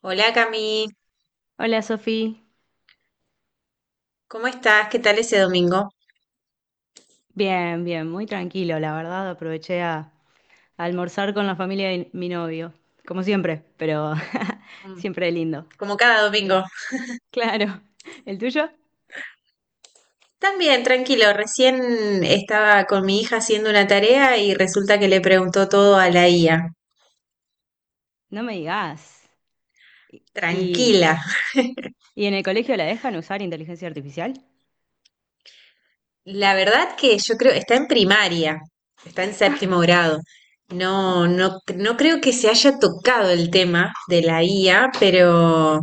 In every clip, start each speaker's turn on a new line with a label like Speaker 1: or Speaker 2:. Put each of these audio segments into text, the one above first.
Speaker 1: Hola Cami,
Speaker 2: Hola Sofía,
Speaker 1: ¿cómo estás? ¿Qué tal ese domingo?
Speaker 2: bien, bien, muy tranquilo, la verdad, aproveché a almorzar con la familia de mi novio, como siempre, pero
Speaker 1: Mm.
Speaker 2: siempre lindo.
Speaker 1: Como cada
Speaker 2: El-
Speaker 1: domingo.
Speaker 2: claro, ¿el tuyo?
Speaker 1: También, tranquilo, recién estaba con mi hija haciendo una tarea y resulta que le preguntó todo a la IA.
Speaker 2: No me digas. ¿Y, y
Speaker 1: Tranquila.
Speaker 2: y en el colegio la dejan usar inteligencia artificial?
Speaker 1: La verdad que yo creo, está en primaria, está en séptimo grado. No, creo que se haya tocado el tema de la IA, pero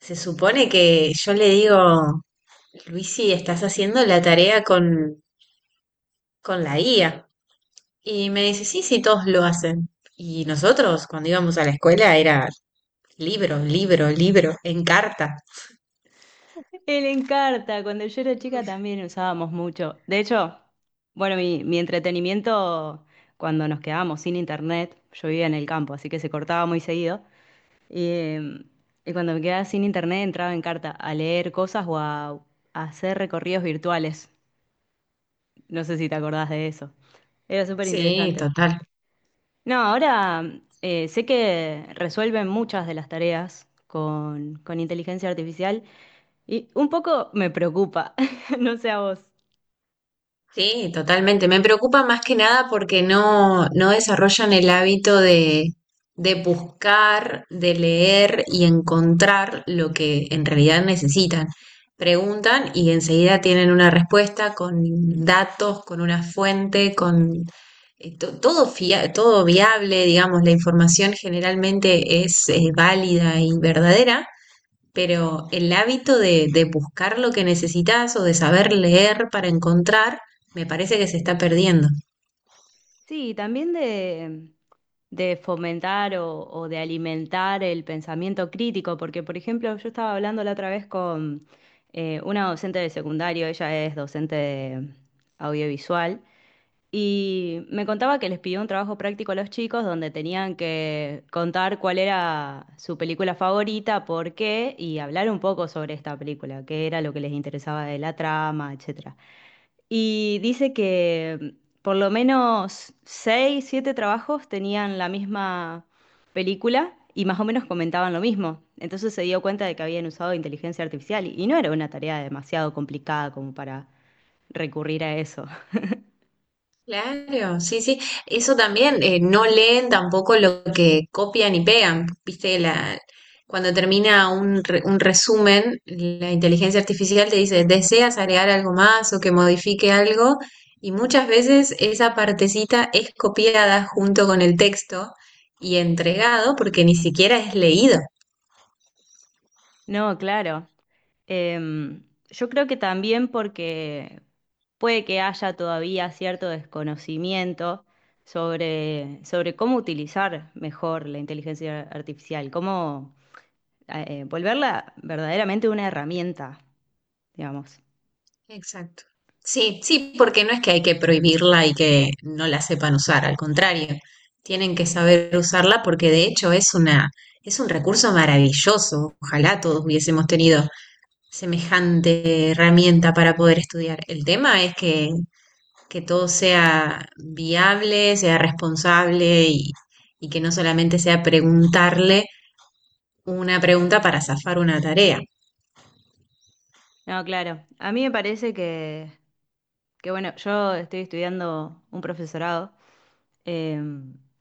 Speaker 1: se supone que yo le digo, Luisi, estás haciendo la tarea con la IA. Y me dice, sí, sí, todos lo hacen. Y nosotros, cuando íbamos a la escuela, era libro, libro, libro, en carta.
Speaker 2: El encarta, cuando yo era chica
Speaker 1: Mm.
Speaker 2: también usábamos mucho. De hecho, bueno, mi entretenimiento cuando nos quedábamos sin internet, yo vivía en el campo, así que se cortaba muy seguido. Y, eh, y cuando me quedaba sin internet entraba en carta a leer cosas o a hacer recorridos virtuales. No sé si te acordás de eso. Era súper
Speaker 1: Sí,
Speaker 2: interesante.
Speaker 1: total.
Speaker 2: No, ahora sé que resuelven muchas de las tareas con inteligencia artificial y un poco me preocupa, no sé a vos.
Speaker 1: Sí, totalmente. Me preocupa más que nada porque no desarrollan el hábito de buscar, de leer y encontrar lo que en realidad necesitan. Preguntan y enseguida tienen una respuesta con datos, con una fuente, con todo todo viable, digamos, la información generalmente es válida y verdadera, pero el hábito de buscar lo que necesitas o de saber leer para encontrar, me parece que se está perdiendo.
Speaker 2: Sí, y también de fomentar o de alimentar el pensamiento crítico, porque por ejemplo yo estaba hablando la otra vez con una docente de secundario, ella es docente de audiovisual, y me contaba que les pidió un trabajo práctico a los chicos donde tenían que contar cuál era su película favorita, por qué, y hablar un poco sobre esta película, qué era lo que les interesaba de la trama, etcétera. Y dice que por lo menos seis, siete trabajos tenían la misma película y más o menos comentaban lo mismo. Entonces se dio cuenta de que habían usado inteligencia artificial y no era una tarea demasiado complicada como para recurrir a eso.
Speaker 1: Claro, sí, sí. Eso también, no leen tampoco lo que copian y pegan. Viste, la, cuando termina un resumen, la inteligencia artificial te dice, ¿deseas agregar algo más o que modifique algo? Y muchas veces esa partecita es copiada junto con el texto y entregado porque ni siquiera es leído.
Speaker 2: No, claro. Em, yo creo que también porque puede que haya todavía cierto desconocimiento sobre cómo utilizar mejor la inteligencia artificial, cómo volverla verdaderamente una herramienta, digamos.
Speaker 1: Exacto. Sí, sí, porque no es que hay que prohibirla y que no la sepan usar, al contrario, tienen que saber usarla porque de hecho es una, es un recurso maravilloso. Ojalá todos hubiésemos tenido semejante herramienta para poder estudiar. El tema es que todo sea viable, sea responsable y que no solamente sea preguntarle una pregunta para zafar una tarea.
Speaker 2: No, claro. A mí me parece que bueno, yo estoy estudiando un profesorado. eh,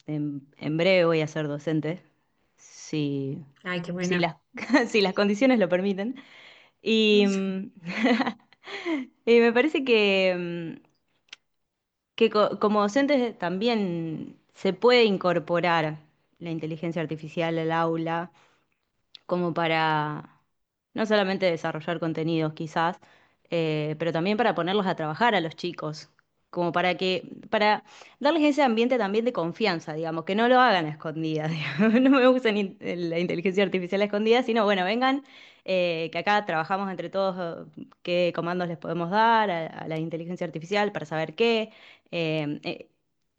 Speaker 2: en breve voy a ser docente, si,
Speaker 1: Ay, qué
Speaker 2: si
Speaker 1: bueno.
Speaker 2: las, si las condiciones lo permiten. Y, mm, y me parece que como docentes también se puede incorporar la inteligencia artificial al aula como para no solamente desarrollar contenidos quizás, pero también para ponerlos a trabajar a los chicos, como para darles ese ambiente también de confianza, digamos, que no lo hagan a escondidas, digamos. No me usen la inteligencia artificial a escondidas, sino bueno, vengan, que acá trabajamos entre todos, qué comandos les podemos dar a la inteligencia artificial para saber qué. eh, eh,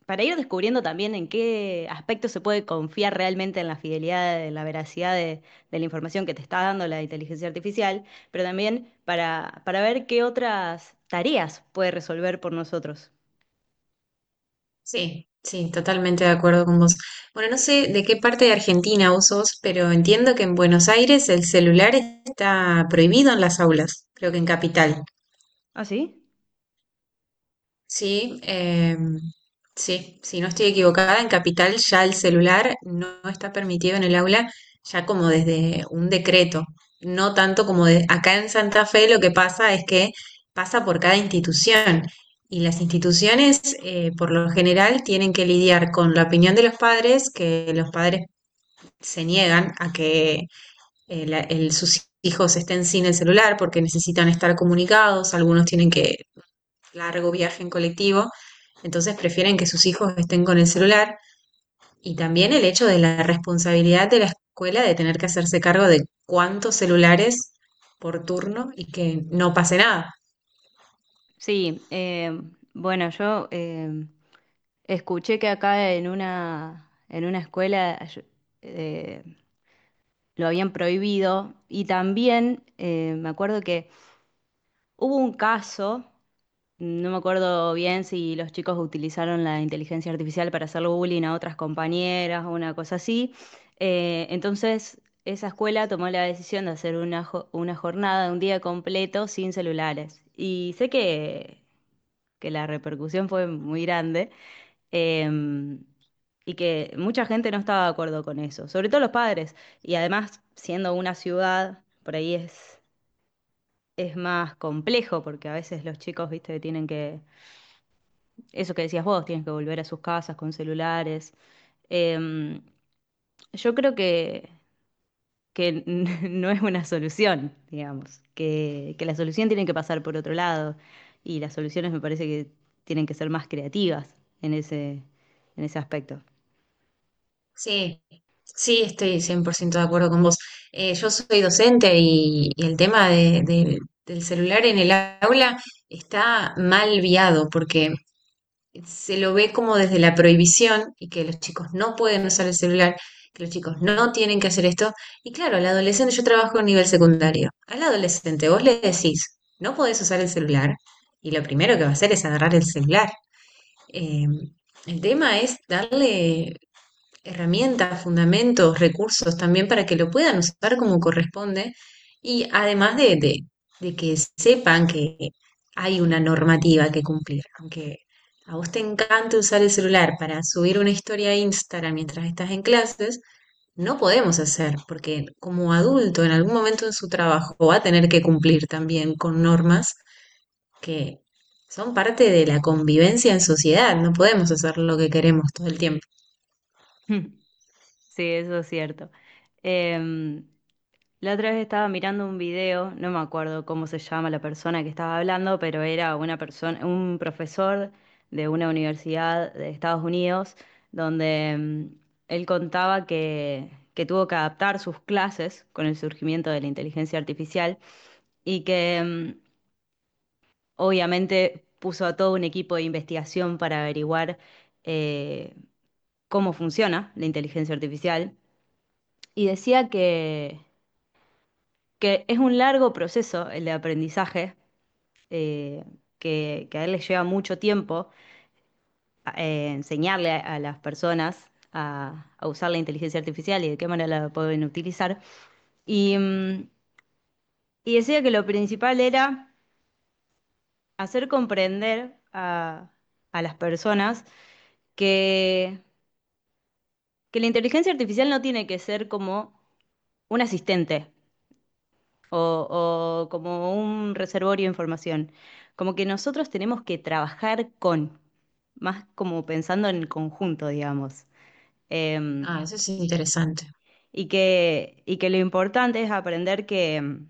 Speaker 2: para ir descubriendo también en qué aspecto se puede confiar realmente en la fidelidad, en la veracidad de la información que te está dando la inteligencia artificial, pero también para ver qué otras tareas puede resolver por nosotros.
Speaker 1: Sí, sí, totalmente de acuerdo con vos. Bueno, no sé de qué parte de Argentina vos sos, pero entiendo que en Buenos Aires el celular está prohibido en las aulas, creo que en Capital.
Speaker 2: ¿Ah, sí?
Speaker 1: Sí, sí, si no estoy equivocada, en Capital ya el celular no está permitido en el aula, ya como desde un decreto, no tanto como de, acá en Santa Fe lo que pasa es que pasa por cada institución y las instituciones por lo general tienen que lidiar con la opinión de los padres, que los padres se niegan a que sus hijos estén sin el celular porque necesitan estar comunicados, algunos tienen que largo viaje en colectivo, entonces prefieren que sus hijos estén con el celular y también el hecho de la responsabilidad de la escuela de tener que hacerse cargo de cuántos celulares por turno y que no pase nada.
Speaker 2: Sí, bueno, yo escuché que acá en una, escuela eh, lo habían prohibido y también me acuerdo que hubo un caso. No me acuerdo bien si los chicos utilizaron la inteligencia artificial para hacerle bullying a otras compañeras o una cosa así. Entonces, esa escuela tomó la decisión de hacer una jornada, un día completo sin celulares. Y sé que la repercusión fue muy grande, em, y que mucha gente no estaba de acuerdo con eso, sobre todo los padres. Y además, siendo una ciudad, por ahí es más complejo porque a veces los chicos, viste, tienen que, eso que decías vos, tienen que volver a sus casas con celulares. Em, yo creo que no es una solución, digamos, que la solución tiene que pasar por otro lado y las soluciones me parece que tienen que ser más creativas en ese aspecto.
Speaker 1: Sí, sí, estoy 100% de acuerdo con vos. Yo soy docente y el tema del celular en el aula está mal viado porque se lo ve como desde la prohibición y que los chicos no pueden usar el celular, que los chicos no tienen que hacer esto. Y claro, al adolescente, yo trabajo en nivel secundario, al adolescente vos le decís, no podés usar el celular y lo primero que va a hacer es agarrar el celular. Eh, el tema es darle herramientas, fundamentos, recursos también para que lo puedan usar como corresponde y además de que sepan que hay una normativa que cumplir. Aunque a vos te encante usar el celular para subir una historia a Instagram mientras estás en clases, no podemos hacer, porque como adulto en algún momento en su trabajo va a tener que cumplir también con normas que son parte de la convivencia en sociedad, no podemos hacer lo que queremos todo el tiempo.
Speaker 2: Sí, eso es cierto. Em, La otra vez estaba mirando un video, no me acuerdo cómo se llama la persona que estaba hablando, pero era una persona, un profesor de una universidad de Estados Unidos, donde él contaba que tuvo que adaptar sus clases con el surgimiento de la inteligencia artificial y que obviamente puso a todo un equipo de investigación para averiguar, eh, cómo funciona la inteligencia artificial. Y decía que es un largo proceso el de aprendizaje, eh, que a él les lleva mucho tiempo, enseñarle a las personas a usar la inteligencia artificial y de qué manera la pueden utilizar. Y, mm, y decía que lo principal era hacer comprender a las personas que, que la inteligencia artificial no tiene que ser como un asistente o como un reservorio de información, como que nosotros tenemos que trabajar con, más como pensando en el conjunto, digamos. Em,
Speaker 1: Ah, eso es interesante.
Speaker 2: y que lo importante es aprender que, em,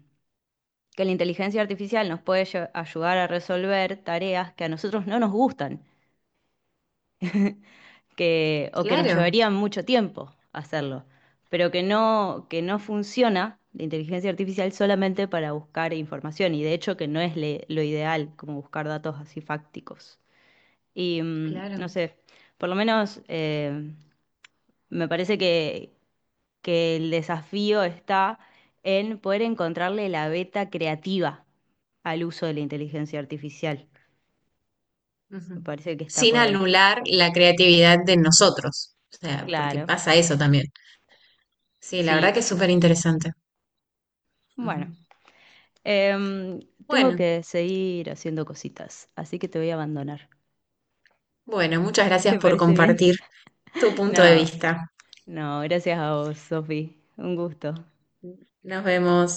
Speaker 2: que la inteligencia artificial nos puede ayudar a resolver tareas que a nosotros no nos gustan, o que nos
Speaker 1: Claro,
Speaker 2: llevarían mucho tiempo hacerlo, pero que no funciona la inteligencia artificial solamente para buscar información, y de hecho que no es lo ideal como buscar datos así fácticos. Y
Speaker 1: claro.
Speaker 2: no sé, por lo menos, me parece que el desafío está en poder encontrarle la beta creativa al uso de la inteligencia artificial. Me
Speaker 1: Ujú.
Speaker 2: parece que está
Speaker 1: Sin
Speaker 2: por ahí.
Speaker 1: anular la creatividad de nosotros. O sea, porque
Speaker 2: Claro,
Speaker 1: pasa eso también. Sí, la verdad
Speaker 2: sí.
Speaker 1: que es súper interesante.
Speaker 2: Bueno,
Speaker 1: Ujú.
Speaker 2: em, tengo
Speaker 1: Bueno,
Speaker 2: que seguir haciendo cositas, así que te voy a abandonar.
Speaker 1: bueno, muchas gracias
Speaker 2: ¿Te
Speaker 1: por
Speaker 2: parece bien?
Speaker 1: compartir tu punto de
Speaker 2: No,
Speaker 1: vista.
Speaker 2: no, gracias a vos, Sofi. Un gusto.
Speaker 1: Nos vemos.